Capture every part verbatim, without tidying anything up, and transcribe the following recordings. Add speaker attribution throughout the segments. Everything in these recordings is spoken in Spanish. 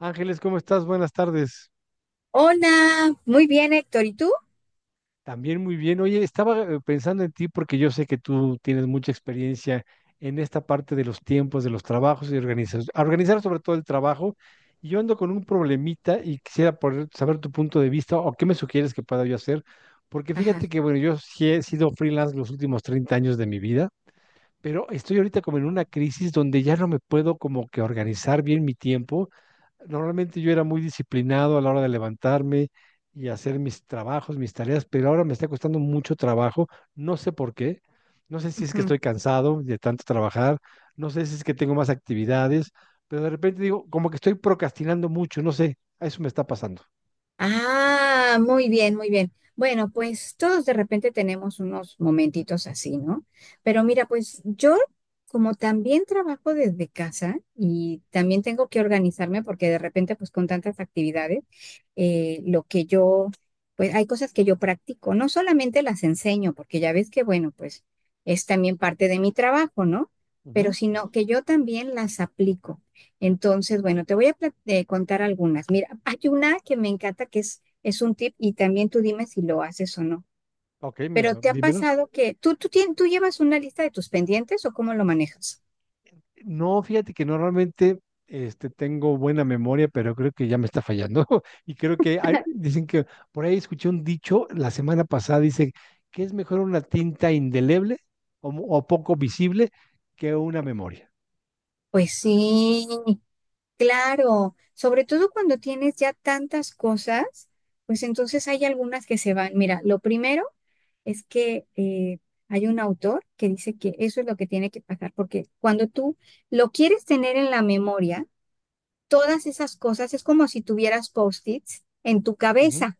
Speaker 1: Ángeles, ¿cómo estás? Buenas tardes.
Speaker 2: Hola, muy bien, Héctor. ¿Y tú?
Speaker 1: También muy bien. Oye, estaba eh, pensando en ti porque yo sé que tú tienes mucha experiencia en esta parte de los tiempos, de los trabajos y organizar, organizar sobre todo el trabajo. Y yo ando con un problemita y quisiera poder saber tu punto de vista o qué me sugieres que pueda yo hacer. Porque fíjate
Speaker 2: Ajá.
Speaker 1: que, bueno, yo sí he sido freelance los últimos treinta años de mi vida, pero estoy ahorita como en una crisis donde ya no me puedo como que organizar bien mi tiempo. Normalmente yo era muy disciplinado a la hora de levantarme y hacer mis trabajos, mis tareas, pero ahora me está costando mucho trabajo. No sé por qué. No sé si es que
Speaker 2: Ujú.
Speaker 1: estoy cansado de tanto trabajar. No sé si es que tengo más actividades, pero de repente digo, como que estoy procrastinando mucho. No sé, a eso me está pasando.
Speaker 2: Ah, muy bien, muy bien. Bueno, pues todos de repente tenemos unos momentitos así, ¿no? Pero mira, pues yo como también trabajo desde casa y también tengo que organizarme porque de repente pues con tantas actividades, eh, lo que yo, pues hay cosas que yo practico, no solamente las enseño, porque ya ves que bueno, pues es también parte de mi trabajo, ¿no? Pero
Speaker 1: Ujú.
Speaker 2: sino que yo también las aplico. Entonces, bueno, te voy a plat- eh, contar algunas. Mira, hay una que me encanta que es, es un tip y también tú dime si lo haces o no.
Speaker 1: Ok, me,
Speaker 2: Pero ¿te ha
Speaker 1: dímelo.
Speaker 2: pasado que tú, tú, tien- tú llevas una lista de tus pendientes o cómo lo manejas?
Speaker 1: No, fíjate que normalmente este, tengo buena memoria, pero creo que ya me está fallando. Y creo que hay- dicen que por ahí escuché un dicho la semana pasada, dice que es mejor una tinta indeleble o, mu- o poco visible que una memoria.
Speaker 2: Pues sí, claro. Sobre todo cuando tienes ya tantas cosas, pues entonces hay algunas que se van. Mira, lo primero es que eh, hay un autor que dice que eso es lo que tiene que pasar, porque cuando tú lo quieres tener en la memoria, todas esas cosas es como si tuvieras post-its en tu
Speaker 1: Ujú.
Speaker 2: cabeza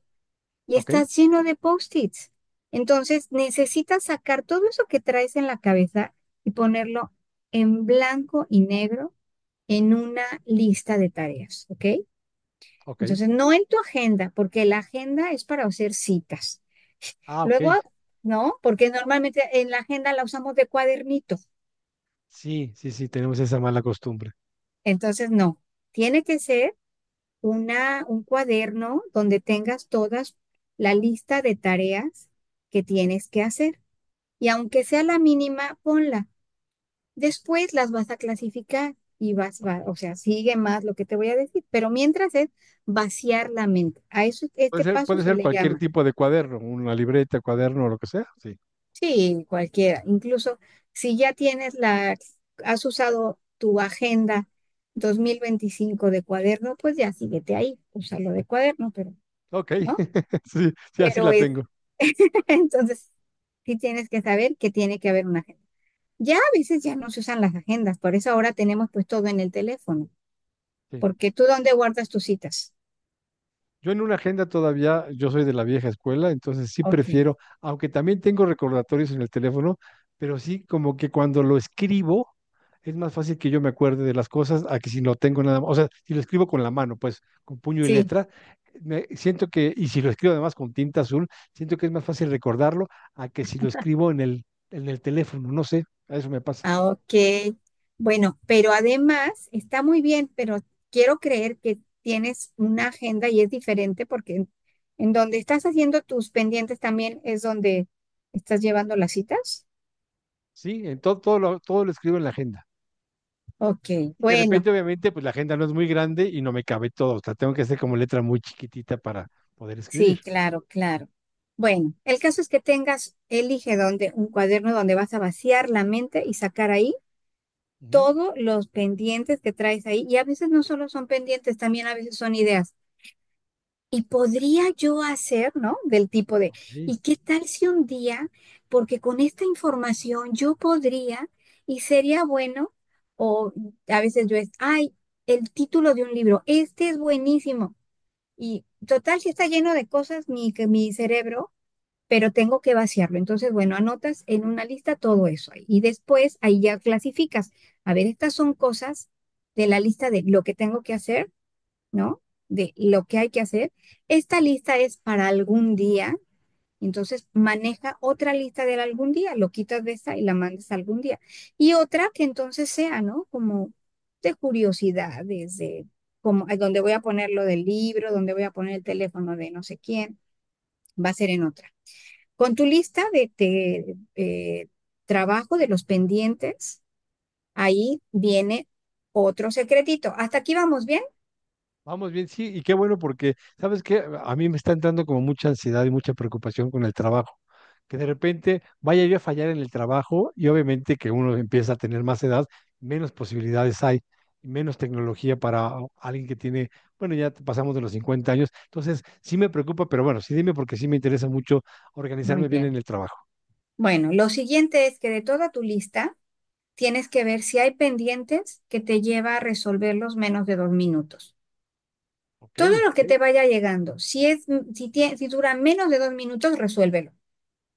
Speaker 2: y
Speaker 1: Ok,
Speaker 2: estás lleno de post-its. Entonces necesitas sacar todo eso que traes en la cabeza y ponerlo en blanco y negro en una lista de tareas, ¿ok?
Speaker 1: ok.
Speaker 2: Entonces no en tu agenda, porque la agenda es para hacer citas.
Speaker 1: Ah, ok.
Speaker 2: Luego, no, porque normalmente en la agenda la usamos de cuadernito.
Speaker 1: Sí, sí, sí, tenemos esa mala costumbre.
Speaker 2: Entonces, no, tiene que ser una, un cuaderno donde tengas todas la lista de tareas que tienes que hacer. Y aunque sea la mínima, ponla. Después las vas a clasificar y vas,
Speaker 1: Ok.
Speaker 2: va- o sea, sigue más lo que te voy a decir. Pero mientras es vaciar la mente. A eso,
Speaker 1: Puede
Speaker 2: este
Speaker 1: ser,
Speaker 2: paso
Speaker 1: puede
Speaker 2: se
Speaker 1: ser
Speaker 2: le
Speaker 1: cualquier
Speaker 2: llama.
Speaker 1: tipo de cuaderno, una libreta, cuaderno, lo que sea. Sí.
Speaker 2: Sí, cualquiera. Incluso si ya tienes la, has usado tu agenda dos mil veinticinco de cuaderno, pues ya síguete ahí. Úsalo de cuaderno, pero,
Speaker 1: Ok,
Speaker 2: ¿no?
Speaker 1: sí, sí, así
Speaker 2: pero
Speaker 1: la
Speaker 2: es,
Speaker 1: tengo.
Speaker 2: entonces sí tienes que saber que tiene que haber una agenda. Ya a veces ya no se usan las agendas, por eso ahora tenemos pues todo en el teléfono,
Speaker 1: Sí.
Speaker 2: porque tú dónde guardas tus citas.
Speaker 1: Yo en una agenda todavía, yo soy de la vieja escuela, entonces sí
Speaker 2: Ok,
Speaker 1: prefiero, aunque también tengo recordatorios en el teléfono, pero sí como que cuando lo escribo es más fácil que yo me acuerde de las cosas a que si no tengo nada más. O sea, si lo escribo con la mano, pues con puño y
Speaker 2: sí,
Speaker 1: letra, me siento que, y si lo escribo además con tinta azul, siento que es más fácil recordarlo a que si lo escribo en el, en el teléfono, no sé, a eso me pasa.
Speaker 2: ah, ok. Bueno, pero además está muy bien, pero quiero creer que tienes una agenda y es diferente porque en, en donde estás haciendo tus pendientes también es donde estás llevando las citas.
Speaker 1: Sí, en todo, todo lo, todo lo escribo en la agenda.
Speaker 2: Ok,
Speaker 1: Y de
Speaker 2: bueno.
Speaker 1: repente, obviamente, pues la agenda no es muy grande y no me cabe todo. O sea, tengo que hacer como letra muy chiquitita para poder
Speaker 2: Sí,
Speaker 1: escribir.
Speaker 2: claro, claro. Bueno, el caso es que tengas, elige donde, un cuaderno donde vas a vaciar la mente y sacar ahí
Speaker 1: Ujú.
Speaker 2: todos los pendientes que traes ahí. Y a veces no solo son pendientes, también a veces son ideas. Y podría yo hacer, ¿no? Del tipo de,
Speaker 1: Ok.
Speaker 2: ¿y qué tal si un día, porque con esta información yo podría y sería bueno, o a veces yo es, ay, el título de un libro, este es buenísimo. Y total, si está lleno de cosas, mi, que mi cerebro pero tengo que vaciarlo. Entonces, bueno, anotas en una lista todo eso ahí. Y después ahí ya clasificas. A ver, estas son cosas de la lista de lo que tengo que hacer, ¿no? De lo que hay que hacer. Esta lista es para algún día. Entonces, maneja otra lista del algún día, lo quitas de esta y la mandas a algún día. Y otra que entonces sea, ¿no? Como de curiosidades, de como donde voy a poner lo del libro, donde voy a poner el teléfono de no sé quién, va a ser en otra. Con tu lista de, de, eh, trabajo de los pendientes, ahí viene otro secretito. ¿Hasta aquí vamos bien?
Speaker 1: Vamos bien, sí, y qué bueno porque, ¿sabes qué? A mí me está entrando como mucha ansiedad y mucha preocupación con el trabajo. Que de repente vaya yo a fallar en el trabajo y obviamente que uno empieza a tener más edad, menos posibilidades hay, menos tecnología para alguien que tiene, bueno, ya pasamos de los cincuenta años. Entonces, sí me preocupa, pero bueno, sí dime porque sí me interesa mucho
Speaker 2: Muy
Speaker 1: organizarme bien en
Speaker 2: bien.
Speaker 1: el trabajo.
Speaker 2: Bueno, lo siguiente es que de toda tu lista tienes que ver si hay pendientes que te lleva a resolverlos menos de dos minutos.
Speaker 1: Ok.
Speaker 2: Todo lo que te vaya llegando, si, es, si, tie- si dura menos de dos minutos, resuélvelo.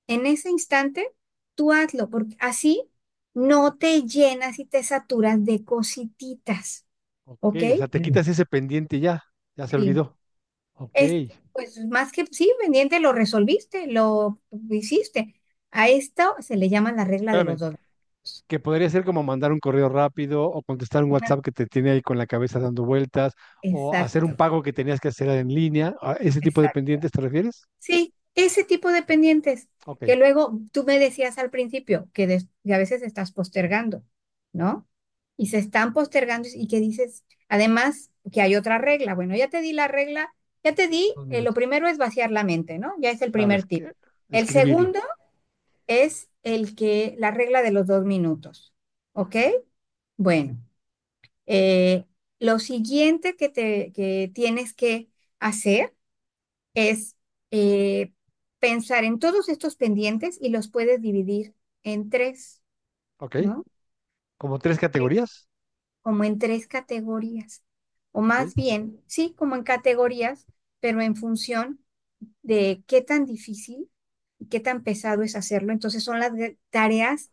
Speaker 2: En ese instante, tú hazlo, porque así no te llenas y te saturas de cosititas,
Speaker 1: Ok,
Speaker 2: ¿ok?
Speaker 1: o sea, te
Speaker 2: Mm.
Speaker 1: quitas ese pendiente y ya, ya se
Speaker 2: Sí.
Speaker 1: olvidó. Ok,
Speaker 2: Este, pues más que sí, pendiente, lo resolviste, lo hiciste. A esto se le llama la regla de
Speaker 1: espérame,
Speaker 2: los dos grados.
Speaker 1: que podría ser como mandar un correo rápido o contestar un
Speaker 2: Ajá,
Speaker 1: WhatsApp que te tiene ahí con la cabeza dando vueltas o hacer
Speaker 2: exacto,
Speaker 1: un pago que tenías que hacer en línea. ¿A ese tipo de
Speaker 2: exacto.
Speaker 1: pendientes te refieres?
Speaker 2: Sí, ese tipo de pendientes
Speaker 1: Ok,
Speaker 2: que, luego tú me decías al principio que, des- que a veces estás postergando, ¿no? Y se están postergando y que dices, además, que hay otra regla. Bueno, ya te di la regla, ya te di,
Speaker 1: dos
Speaker 2: eh, lo
Speaker 1: minutos.
Speaker 2: primero es vaciar la mente, ¿no? Ya es el
Speaker 1: Claro,
Speaker 2: primer
Speaker 1: es
Speaker 2: tip.
Speaker 1: que
Speaker 2: El
Speaker 1: escribirlo.
Speaker 2: segundo es el que, la regla de los dos minutos. ¿Ok? Bueno, eh, lo siguiente que, te, que tienes que hacer es eh, pensar en todos estos pendientes y los puedes dividir en tres,
Speaker 1: Ok,
Speaker 2: ¿no?
Speaker 1: como tres categorías.
Speaker 2: Como en tres categorías. O
Speaker 1: Ok,
Speaker 2: más bien, sí, como en categorías, pero en función de qué tan difícil qué tan pesado es hacerlo. Entonces son las de- tareas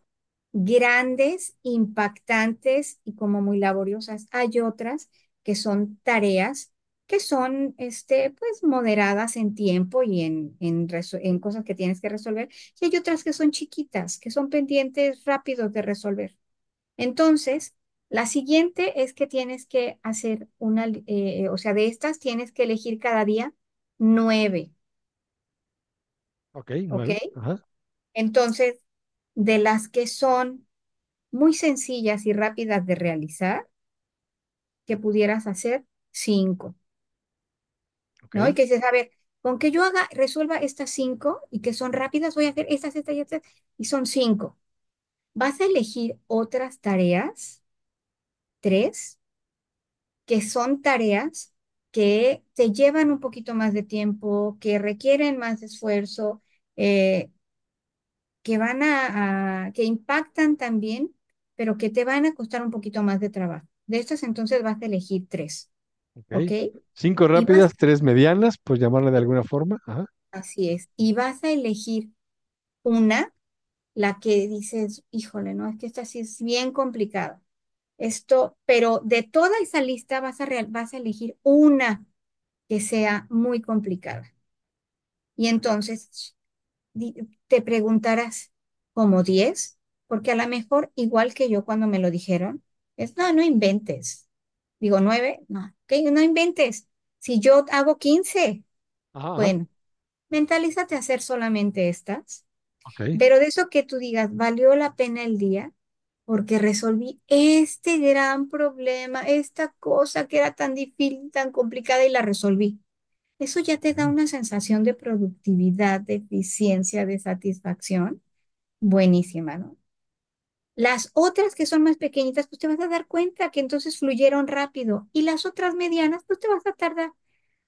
Speaker 2: grandes, impactantes y como muy laboriosas. Hay otras que son tareas que son, este, pues, moderadas en tiempo y en, en, reso- en cosas que tienes que resolver. Y hay otras que son chiquitas, que son pendientes rápidos de resolver. Entonces, la siguiente es que tienes que hacer una, li- eh, o sea, de estas tienes que elegir cada día nueve,
Speaker 1: ok, nueve.
Speaker 2: ¿ok?
Speaker 1: Ajá,
Speaker 2: Entonces, de las que son muy sencillas y rápidas de realizar, que pudieras hacer cinco,
Speaker 1: ok,
Speaker 2: ¿no? Y que dices, a ver, con que yo haga, resuelva estas cinco y que son rápidas, voy a hacer estas, estas y estas, y son cinco. Vas a elegir otras tareas, tres, que son tareas que te llevan un poquito más de tiempo, que requieren más esfuerzo, eh, que van a, a- que impactan también, pero que te van a costar un poquito más de trabajo. De estas entonces vas a elegir tres,
Speaker 1: ok.
Speaker 2: ¿ok?
Speaker 1: Cinco
Speaker 2: Y vas
Speaker 1: rápidas,
Speaker 2: a
Speaker 1: tres medianas, pues llamarle de
Speaker 2: elegir-
Speaker 1: alguna forma. Ajá,
Speaker 2: Así es, y vas a elegir una, la que dices, híjole, no, es que esta sí es bien complicada. Esto, pero de toda esa lista vas a, real- vas a elegir una que sea muy complicada. Y entonces di- te preguntarás, ¿como diez? Porque a lo mejor, igual que yo cuando me lo dijeron, es, no, no inventes. Digo, nueve no, que no inventes. Si yo hago quince
Speaker 1: ajá, ajá.
Speaker 2: bueno, mentalízate a hacer solamente estas,
Speaker 1: Ok.
Speaker 2: pero de eso que tú digas, valió la pena el día porque resolví este gran problema, esta cosa que era tan difícil, tan complicada y la resolví. Eso ya te da
Speaker 1: Ok.
Speaker 2: una sensación de productividad, de eficiencia, de satisfacción buenísima, ¿no? Las otras que son más pequeñitas, pues te vas a dar cuenta que entonces fluyeron rápido. Y las otras medianas, pues te vas a tardar.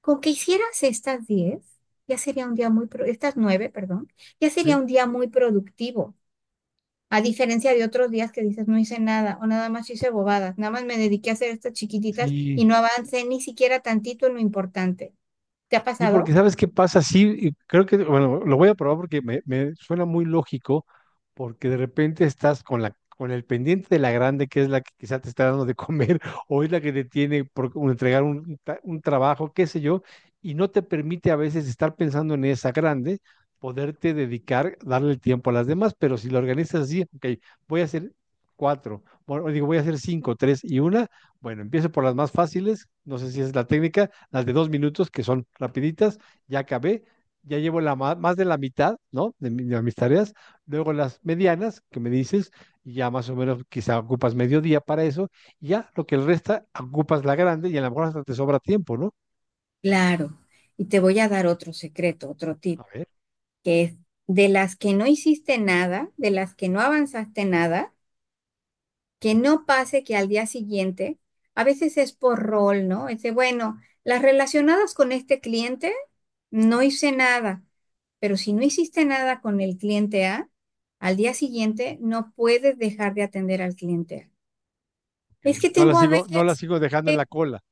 Speaker 2: Con que hicieras estas diez, ya sería un día muy, pro- estas nueve, perdón, ya sería
Speaker 1: Sí.
Speaker 2: un día muy productivo. A diferencia de otros días que dices, no hice nada o nada más hice bobadas, nada más me dediqué a hacer estas chiquititas
Speaker 1: Sí,
Speaker 2: y no avancé ni siquiera tantito en lo importante. ¿Te ha
Speaker 1: sí, porque
Speaker 2: pasado?
Speaker 1: ¿sabes qué pasa? Sí, y creo que, bueno, lo voy a probar porque me, me suena muy lógico, porque de repente estás con la, con el pendiente de la grande, que es la que quizá te está dando de comer, o es la que te tiene por un- entregar un, un ta- un trabajo, qué sé yo, y no te permite a veces estar pensando en esa grande, poderte dedicar, darle el tiempo a las demás, pero si lo organizas así, ok, voy a hacer cuatro, bueno, digo, voy a hacer cinco, tres y una, bueno, empiezo por las más fáciles, no sé si es la técnica, las de dos minutos que son rapiditas, ya acabé, ya llevo la ma- más de la mitad, ¿no? De, mi- de mis tareas, luego las medianas que me dices, y ya más o menos quizá ocupas mediodía para eso, y ya lo que el resta ocupas la grande y a lo mejor hasta te sobra tiempo, ¿no?
Speaker 2: Claro. Y te voy a dar otro secreto, otro
Speaker 1: A
Speaker 2: tip.
Speaker 1: ver,
Speaker 2: Que es de las que no hiciste nada, de las que no avanzaste nada, que no pase que al día siguiente, a veces es por rol, ¿no? Es de, bueno, las relacionadas con este cliente, no hice nada, pero si no hiciste nada con el cliente A, al día siguiente no puedes dejar de atender al cliente A.
Speaker 1: ok.
Speaker 2: Es que
Speaker 1: No la
Speaker 2: tengo a
Speaker 1: sigo, no
Speaker 2: veces
Speaker 1: la sigo dejando en la cola,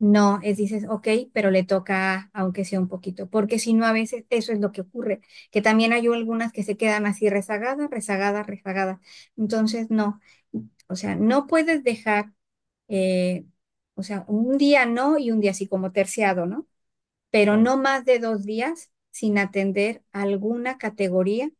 Speaker 2: No, es dices, ok, pero le toca, aunque sea un poquito, porque si no, a veces eso es lo que ocurre, que también hay algunas que se quedan así rezagadas, rezagadas, rezagadas. Entonces, no, o sea, no puedes dejar, eh, o sea, un día no y un día así como terciado, ¿no? Pero
Speaker 1: claro.
Speaker 2: no más de dos días sin atender alguna categoría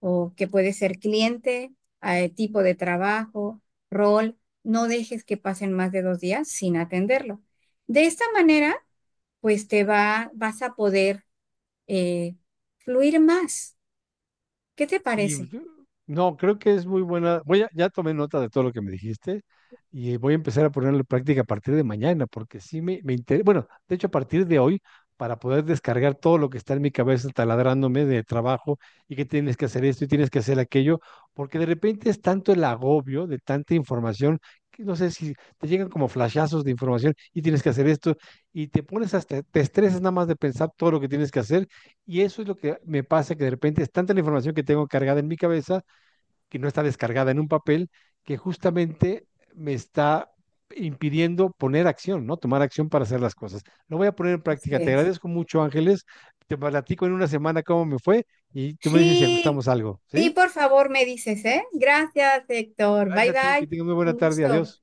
Speaker 2: o que puede ser cliente, eh, tipo de trabajo, rol, no dejes que pasen más de dos días sin atenderlo. De esta manera pues te va, vas a poder eh, fluir más. ¿Qué te
Speaker 1: Sí, pues,
Speaker 2: parece?
Speaker 1: yo- no, creo que es muy buena. Voy a, ya tomé nota de todo lo que me dijiste y voy a empezar a ponerlo en práctica a partir de mañana, porque sí me, me interesa. Bueno, de hecho, a partir de hoy, para poder descargar todo lo que está en mi cabeza taladrándome de trabajo y que tienes que hacer esto y tienes que hacer aquello, porque de repente es tanto el agobio de tanta información que no sé si te llegan como flashazos de información y tienes que hacer esto y te pones hasta, te estresas nada más de pensar todo lo que tienes que hacer y eso es lo que me pasa, que de repente es tanta la información que tengo cargada en mi cabeza, que no está descargada en un papel, que justamente me está impidiendo poner acción, ¿no? Tomar acción para hacer las cosas. Lo voy a poner en
Speaker 2: Así
Speaker 1: práctica. Te
Speaker 2: es.
Speaker 1: agradezco mucho, Ángeles. Te platico en una semana cómo me fue y tú me dices si
Speaker 2: Sí,
Speaker 1: ajustamos algo,
Speaker 2: sí,
Speaker 1: ¿sí?
Speaker 2: por favor me dices, ¿eh? Gracias, Héctor.
Speaker 1: Gracias
Speaker 2: Bye
Speaker 1: a ti, que
Speaker 2: bye.
Speaker 1: tengas muy buena
Speaker 2: Un
Speaker 1: tarde.
Speaker 2: gusto.
Speaker 1: Adiós.